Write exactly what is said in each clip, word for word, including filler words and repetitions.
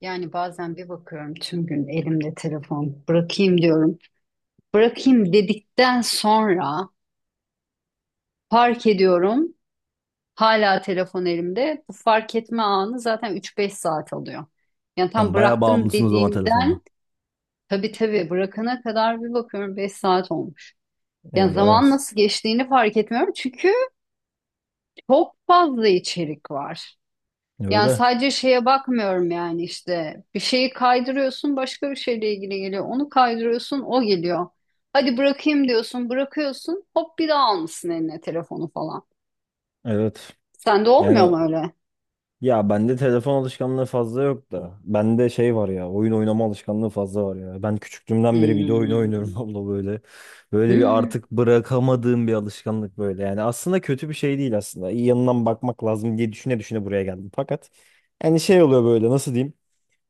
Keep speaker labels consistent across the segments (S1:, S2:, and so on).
S1: Yani bazen bir bakıyorum tüm gün elimde telefon bırakayım diyorum. Bırakayım dedikten sonra fark ediyorum hala telefon elimde. Bu fark etme anı zaten üç beş saat alıyor. Yani tam
S2: Sen bayağı
S1: bıraktım
S2: bağımlısın o zaman telefona.
S1: dediğimden tabii tabii bırakana kadar bir bakıyorum beş saat olmuş. Yani
S2: Eyvah.
S1: zaman nasıl geçtiğini fark etmiyorum çünkü çok fazla içerik var. Yani
S2: Öyle.
S1: sadece şeye bakmıyorum yani işte bir şeyi kaydırıyorsun başka bir şeyle ilgili geliyor. Onu kaydırıyorsun o geliyor. Hadi bırakayım diyorsun bırakıyorsun hop bir daha almışsın eline telefonu falan.
S2: Evet.
S1: Sende olmuyor
S2: Yani,
S1: mu öyle?
S2: ya bende telefon alışkanlığı fazla yok da. Bende şey var ya, oyun oynama alışkanlığı fazla var ya. Ben küçüklüğümden beri video oyunu oynuyorum
S1: Hmm.
S2: abla böyle. Böyle bir
S1: Hmm.
S2: artık bırakamadığım bir alışkanlık böyle. Yani aslında kötü bir şey değil aslında. İyi yanından bakmak lazım diye düşüne düşüne buraya geldim. Fakat yani şey oluyor böyle, nasıl diyeyim.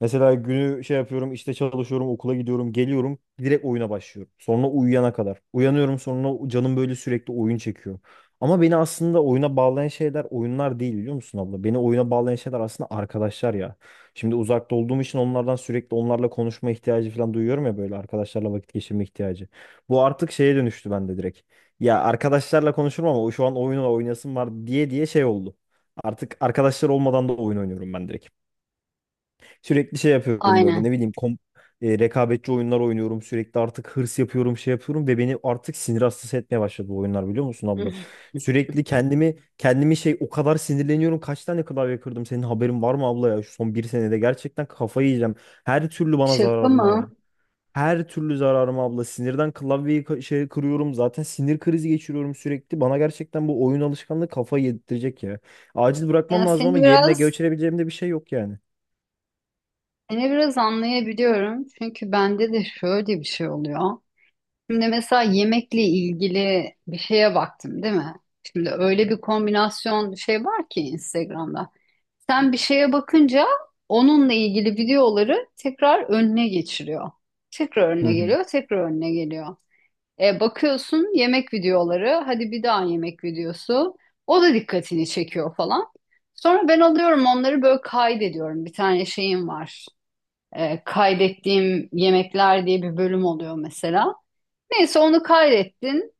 S2: Mesela günü şey yapıyorum, işte çalışıyorum, okula gidiyorum, geliyorum, direkt oyuna başlıyorum. Sonra uyuyana kadar. Uyanıyorum, sonra canım böyle sürekli oyun çekiyor. Ama beni aslında oyuna bağlayan şeyler oyunlar değil, biliyor musun abla? Beni oyuna bağlayan şeyler aslında arkadaşlar ya. Şimdi uzakta olduğum için onlardan sürekli, onlarla konuşma ihtiyacı falan duyuyorum ya, böyle arkadaşlarla vakit geçirme ihtiyacı. Bu artık şeye dönüştü bende direkt. Ya arkadaşlarla konuşurum ama şu an oyunla oynayasım var diye diye şey oldu. Artık arkadaşlar olmadan da oyun oynuyorum ben direkt. Sürekli şey yapıyorum böyle, ne
S1: Aynen.
S2: bileyim, kom e, rekabetçi oyunlar oynuyorum. Sürekli artık hırs yapıyorum, şey yapıyorum ve beni artık sinir hastası etmeye başladı bu oyunlar, biliyor musun abla? Sürekli kendimi kendimi şey, o kadar sinirleniyorum. Kaç tane klavye kırdım, senin haberin var mı abla ya? Şu son bir senede gerçekten kafayı yiyeceğim. Her türlü bana
S1: Şaka
S2: zararına ya.
S1: mı?
S2: Her türlü zararım abla. Sinirden klavyeyi ka- şey kırıyorum. Zaten sinir krizi geçiriyorum sürekli. Bana gerçekten bu oyun alışkanlığı kafayı yedirtecek ya. Acil bırakmam
S1: Yani
S2: lazım
S1: seni
S2: ama yerine
S1: biraz
S2: geçirebileceğim de bir şey yok yani.
S1: seni biraz anlayabiliyorum. Çünkü bende de şöyle bir şey oluyor. Şimdi mesela yemekle ilgili bir şeye baktım, değil mi? Şimdi öyle bir kombinasyon şey var ki Instagram'da. Sen bir şeye bakınca onunla ilgili videoları tekrar önüne geçiriyor. Tekrar
S2: Hı
S1: önüne
S2: hı.
S1: geliyor, tekrar önüne geliyor. E, bakıyorsun yemek videoları, hadi bir daha yemek videosu. O da dikkatini çekiyor falan. Sonra ben alıyorum onları böyle kaydediyorum. Bir tane şeyim var. E, kaydettiğim yemekler diye bir bölüm oluyor mesela. Neyse onu kaydettin.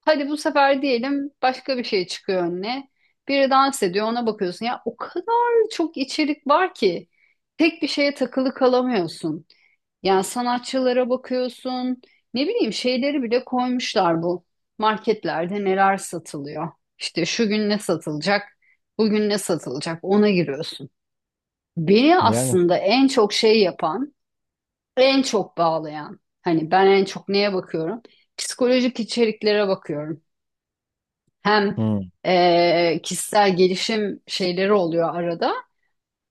S1: Hadi bu sefer diyelim başka bir şey çıkıyor önüne. Biri dans ediyor ona bakıyorsun. Ya o kadar çok içerik var ki tek bir şeye takılı kalamıyorsun. Yani sanatçılara bakıyorsun. Ne bileyim şeyleri bile koymuşlar bu. Marketlerde neler satılıyor. İşte şu gün ne satılacak, bugün ne satılacak ona giriyorsun. Beni
S2: Yani.
S1: aslında en çok şey yapan en çok bağlayan hani ben en çok neye bakıyorum? Psikolojik içeriklere bakıyorum. Hem
S2: Hı
S1: eee, kişisel gelişim şeyleri oluyor arada.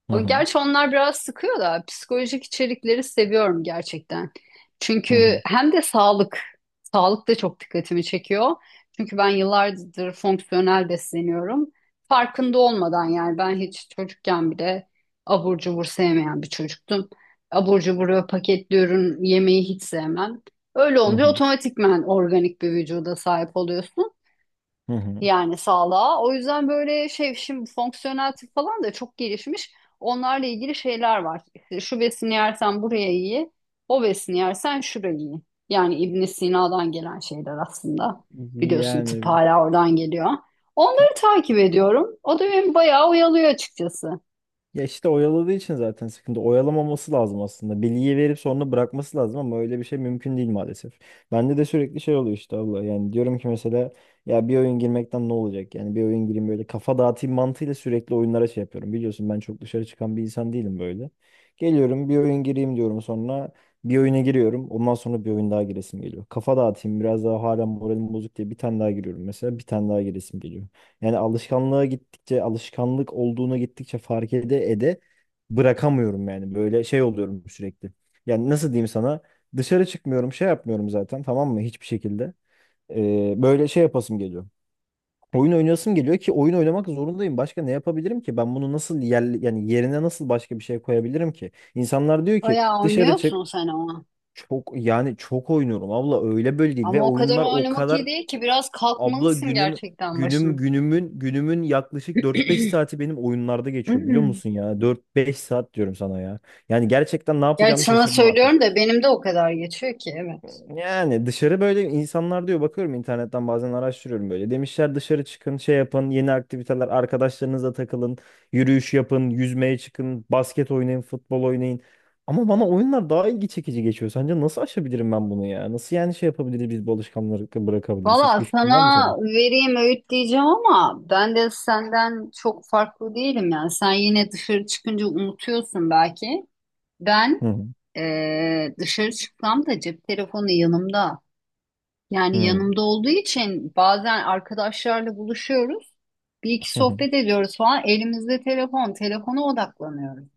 S2: hı
S1: O-
S2: hı
S1: Gerçi onlar biraz sıkıyor da psikolojik içerikleri seviyorum gerçekten.
S2: hı
S1: Çünkü
S2: hı
S1: hem de sağlık, sağlık da çok dikkatimi çekiyor. Çünkü ben yıllardır fonksiyonel besleniyorum. Farkında olmadan yani ben hiç çocukken bile abur cubur sevmeyen bir çocuktum. Abur cubur ve paketli ürün yemeyi hiç sevmem. Öyle olunca
S2: hı.
S1: otomatikman organik bir vücuda sahip oluyorsun
S2: Hı hı.
S1: yani sağlığa. O yüzden böyle şey şimdi fonksiyonel tıp falan da çok gelişmiş. Onlarla ilgili şeyler var. İşte şu besini yersen buraya iyi, o besini yersen şuraya iyi. Yani İbn Sina'dan gelen şeyler aslında. Biliyorsun tıp
S2: Yani.
S1: hala oradan geliyor. Onları takip ediyorum. O da beni bayağı oyalıyor açıkçası.
S2: Ya işte oyaladığı için zaten sıkıntı. Oyalamaması lazım aslında. Bilgiyi verip sonra bırakması lazım ama öyle bir şey mümkün değil maalesef. Bende de sürekli şey oluyor işte abla. Yani diyorum ki mesela, ya bir oyun girmekten ne olacak? Yani bir oyun gireyim böyle, kafa dağıtayım mantığıyla sürekli oyunlara şey yapıyorum. Biliyorsun ben çok dışarı çıkan bir insan değilim böyle. Geliyorum bir oyun gireyim diyorum, sonra bir oyuna giriyorum. Ondan sonra bir oyun daha giresim geliyor. Kafa dağıtayım biraz daha, hala moralim bozuk diye bir tane daha giriyorum, mesela bir tane daha giresim geliyor. Yani alışkanlığa gittikçe, alışkanlık olduğuna gittikçe fark ede ede bırakamıyorum yani. Böyle şey oluyorum sürekli. Yani nasıl diyeyim sana? Dışarı çıkmıyorum, şey yapmıyorum zaten, tamam mı? Hiçbir şekilde. Ee, böyle şey yapasım geliyor. Oyun oynayasım geliyor ki oyun oynamak zorundayım. Başka ne yapabilirim ki? Ben bunu nasıl yer, yani yerine nasıl başka bir şey koyabilirim ki? İnsanlar diyor ki
S1: Bayağı
S2: dışarı çık.
S1: oynuyorsun sen ama.
S2: Çok, yani çok oynuyorum abla, öyle böyle değil ve
S1: Ama o kadar
S2: oyunlar o
S1: oynamak iyi
S2: kadar.
S1: değil ki biraz
S2: Abla
S1: kalkmalısın
S2: günüm
S1: gerçekten
S2: günüm
S1: başına.
S2: günümün günümün yaklaşık dört beş saati benim oyunlarda geçiyor, biliyor musun ya? Dört beş saat diyorum sana ya. Yani gerçekten ne
S1: Gerçi
S2: yapacağımı
S1: sana
S2: şaşırdım artık.
S1: söylüyorum da benim de o kadar geçiyor ki evet.
S2: Yani dışarı, böyle insanlar diyor, bakıyorum internetten bazen, araştırıyorum böyle. Demişler dışarı çıkın, şey yapın, yeni aktiviteler, arkadaşlarınızla takılın, yürüyüş yapın, yüzmeye çıkın, basket oynayın, futbol oynayın. Ama bana oyunlar daha ilgi çekici geçiyor. Sence nasıl aşabilirim ben bunu ya? Nasıl, yani şey yapabiliriz biz, bu alışkanlıkları bırakabiliriz?
S1: Valla
S2: Hiçbir fikrin var mı
S1: sana
S2: senin?
S1: vereyim öğüt diyeceğim ama ben de senden çok farklı değilim yani. Sen yine dışarı çıkınca unutuyorsun belki. Ben
S2: Hı hı.
S1: eee, dışarı çıktığımda cep telefonu yanımda. Yani
S2: Hı.
S1: yanımda olduğu için bazen arkadaşlarla buluşuyoruz. Bir iki
S2: Hı hı.
S1: sohbet ediyoruz falan. Elimizde telefon, telefona odaklanıyoruz.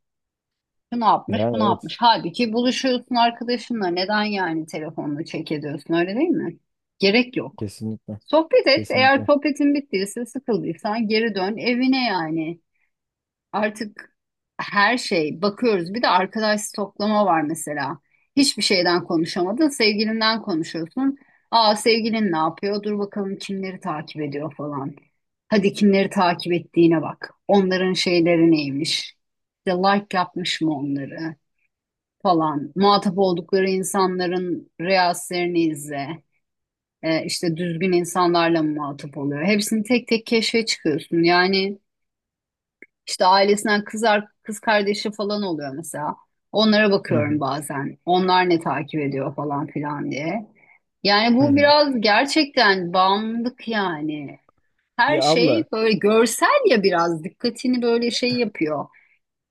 S1: Şu ne yapmış, bu
S2: Yani
S1: ne
S2: evet,
S1: yapmış. Halbuki buluşuyorsun arkadaşınla. Neden yani telefonla çek ediyorsun öyle değil mi? Gerek yok.
S2: kesinlikle,
S1: Sohbet et. Eğer
S2: kesinlikle.
S1: sohbetin bittiyse, sıkıldıysan geri dön evine yani. Artık her şey bakıyoruz. Bir de arkadaş stoklama var mesela. Hiçbir şeyden konuşamadın, sevgilinden konuşuyorsun. Aa sevgilin ne yapıyor? Dur bakalım kimleri takip ediyor falan. Hadi kimleri takip ettiğine bak. Onların şeyleri neymiş? İşte like yapmış mı onları falan. Muhatap oldukları insanların reelslerini izle e, işte düzgün insanlarla mı muhatap oluyor? Hepsini tek tek keşfe çıkıyorsun. Yani işte ailesinden kız, ar- kız kardeşi falan oluyor mesela. Onlara
S2: Hı
S1: bakıyorum
S2: hı.
S1: bazen. Onlar ne takip ediyor falan filan diye. Yani
S2: Hı
S1: bu
S2: hı.
S1: biraz gerçekten bağımlılık yani. Her
S2: Ya abla,
S1: şey böyle görsel ya biraz dikkatini böyle şey yapıyor.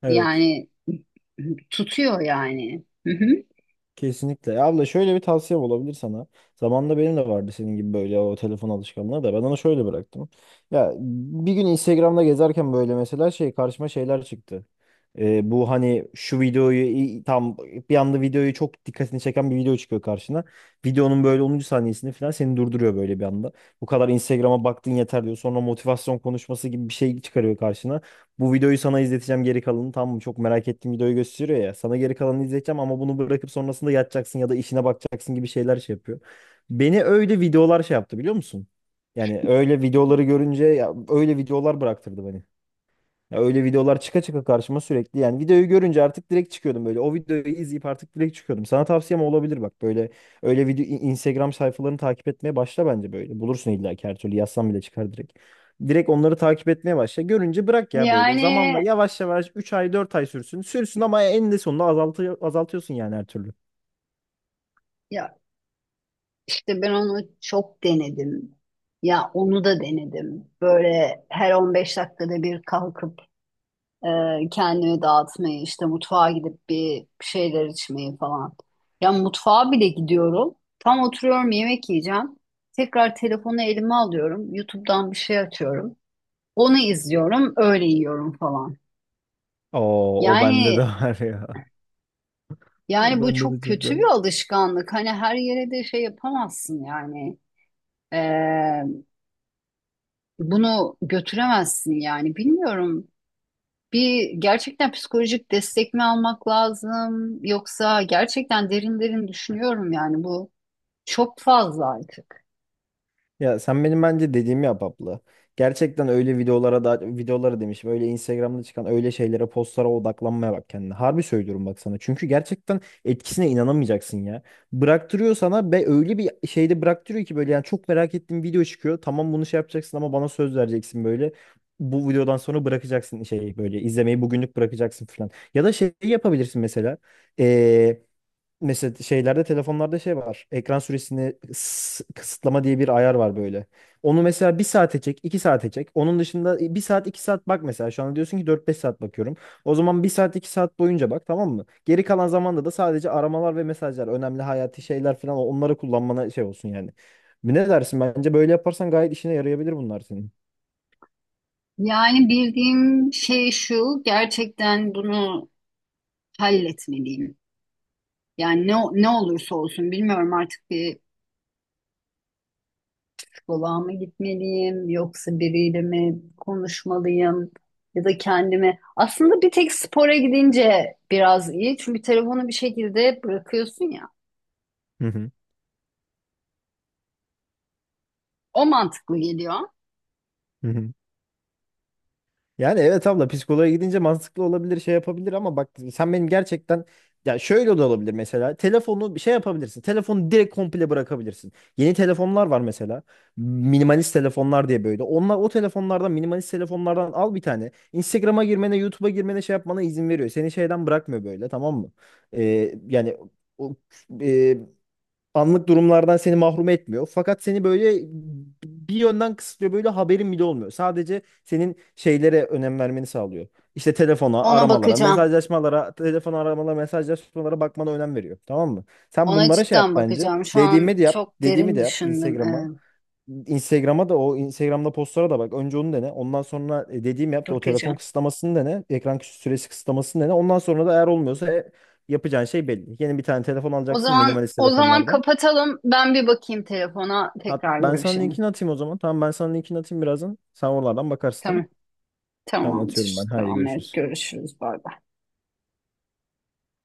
S2: evet,
S1: Yani tutuyor yani. Hı hı.
S2: kesinlikle. Ya abla, şöyle bir tavsiye olabilir sana. Zamanında benim de vardı senin gibi böyle o telefon alışkanlığı da, ben onu şöyle bıraktım. Ya bir gün Instagram'da gezerken böyle mesela şey, karşıma şeyler çıktı. Ee, bu hani, şu videoyu i- tam bir anda videoyu, çok dikkatini çeken bir video çıkıyor karşına. Videonun böyle onuncu saniyesini falan seni durduruyor böyle bir anda. Bu kadar Instagram'a baktın yeter diyor. Sonra motivasyon konuşması gibi bir şey çıkarıyor karşına. Bu videoyu sana izleteceğim geri kalanını, tamam mı? Çok merak ettiğim videoyu gösteriyor ya. Sana geri kalanını izleteceğim ama bunu bırakıp sonrasında yatacaksın ya da işine bakacaksın gibi şeyler şey yapıyor. Beni öyle videolar şey yaptı, biliyor musun? Yani öyle videoları görünce ya, öyle videolar bıraktırdı beni. Ya öyle videolar çıka çıka karşıma sürekli. Yani videoyu görünce artık direkt çıkıyordum böyle. O videoyu izleyip artık direkt çıkıyordum. Sana tavsiyem olabilir bak, böyle öyle video, İ- Instagram sayfalarını takip etmeye başla bence böyle. Bulursun illa ki, her türlü yazsan bile çıkar direkt. Direkt onları takip etmeye başla. Görünce bırak ya böyle.
S1: Yani
S2: Zamanla yavaş yavaş, üç ay dört ay sürsün. Sürsün ama en de sonunda azaltı, azaltıyorsun yani her türlü.
S1: ya İşte ben onu çok denedim. Ya onu da denedim. Böyle her on beş dakikada bir kalkıp e, kendimi dağıtmayı, işte mutfağa gidip bir şeyler içmeyi falan. Ya mutfağa bile gidiyorum. Tam oturuyorum yemek yiyeceğim. Tekrar telefonu elime alıyorum. YouTube'dan bir şey açıyorum. Onu izliyorum, öyle yiyorum falan.
S2: Oo, o bende de
S1: Yani
S2: var ya. O
S1: yani bu
S2: bende de
S1: çok
S2: çok
S1: kötü
S2: var.
S1: bir alışkanlık. Hani her yere de şey yapamazsın yani. E, Bunu götüremezsin yani. Bilmiyorum. Bir gerçekten psikolojik destek mi almak lazım yoksa gerçekten derin derin düşünüyorum yani bu çok fazla artık.
S2: Ya sen benim bence dediğimi yap abla. Gerçekten öyle videolara da, videolara demişim. Öyle Instagram'da çıkan öyle şeylere, postlara odaklanmaya bak kendine. Harbi söylüyorum bak sana. Çünkü gerçekten etkisine inanamayacaksın ya. Bıraktırıyor sana ve öyle bir şeyde bıraktırıyor ki böyle, yani çok merak ettiğim video çıkıyor. Tamam bunu şey yapacaksın ama bana söz vereceksin böyle. Bu videodan sonra bırakacaksın, şey böyle izlemeyi bugünlük bırakacaksın falan. Ya da şey yapabilirsin mesela. Mesela şeylerde, telefonlarda şey var. Ekran süresini kıs- kısıtlama diye bir ayar var böyle. Onu mesela bir saate çek, iki saate çek. Onun dışında e, bir saat, iki saat bak mesela. Şu anda diyorsun ki dört beş saat bakıyorum. O zaman bir saat, iki saat boyunca bak, tamam mı? Geri kalan zamanda da sadece aramalar ve mesajlar, önemli hayati şeyler falan, onları kullanmana şey olsun yani. Ne dersin? Bence böyle yaparsan gayet işine yarayabilir bunlar senin.
S1: Yani bildiğim şey şu, gerçekten bunu halletmeliyim. Yani ne ne olursa olsun bilmiyorum artık bir psikoloğa mı gitmeliyim yoksa biriyle mi konuşmalıyım ya da kendime. Aslında bir tek spora gidince biraz iyi çünkü telefonu bir şekilde bırakıyorsun ya.
S2: Hı hı.
S1: O mantıklı geliyor.
S2: Hı hı. Yani evet abla, psikoloğa gidince mantıklı olabilir, şey yapabilir ama bak sen benim gerçekten, ya şöyle de olabilir mesela, telefonu bir şey yapabilirsin, telefonu direkt komple bırakabilirsin. Yeni telefonlar var mesela, minimalist telefonlar diye böyle, onlar o telefonlardan, minimalist telefonlardan al bir tane. Instagram'a girmene, YouTube'a girmene şey yapmana izin veriyor, seni şeyden bırakmıyor böyle, tamam mı? Ee, yani o, e, anlık durumlardan seni mahrum etmiyor. Fakat seni böyle bir yönden kısıtlıyor. Böyle haberin bile olmuyor. Sadece senin şeylere önem vermeni sağlıyor. İşte telefona,
S1: Ona
S2: aramalara,
S1: bakacağım.
S2: mesajlaşmalara, telefon aramalara, mesajlaşmalara bakmana önem veriyor. Tamam mı? Sen
S1: Ona
S2: bunlara şey yap
S1: cidden
S2: bence.
S1: bakacağım. Şu
S2: Dediğimi
S1: an
S2: de yap.
S1: çok
S2: Dediğimi
S1: derin
S2: de yap
S1: düşündüm.
S2: Instagram'a.
S1: Evet,
S2: Instagram'a da, o Instagram'da postlara da bak. Önce onu dene. Ondan sonra e, dediğimi yap. O telefon
S1: bakacağım.
S2: kısıtlamasını dene. Ekran süresi kısıtlamasını dene. Ondan sonra da eğer olmuyorsa, e, yapacağın şey belli. Yeni bir tane telefon
S1: O
S2: alacaksın
S1: zaman
S2: minimalist
S1: o zaman
S2: telefonlardan.
S1: kapatalım. Ben bir bakayım telefona.
S2: Hat,
S1: Tekrar
S2: ben sana
S1: görüşelim.
S2: linkini atayım o zaman. Tamam, ben sana linkini atayım birazdan. Sen oralardan bakarsın, tamam.
S1: Tamam.
S2: Tamam, atıyorum
S1: Tamamdır.
S2: ben. Haydi
S1: Tamam evet
S2: görüşürüz.
S1: görüşürüz. Bay bay.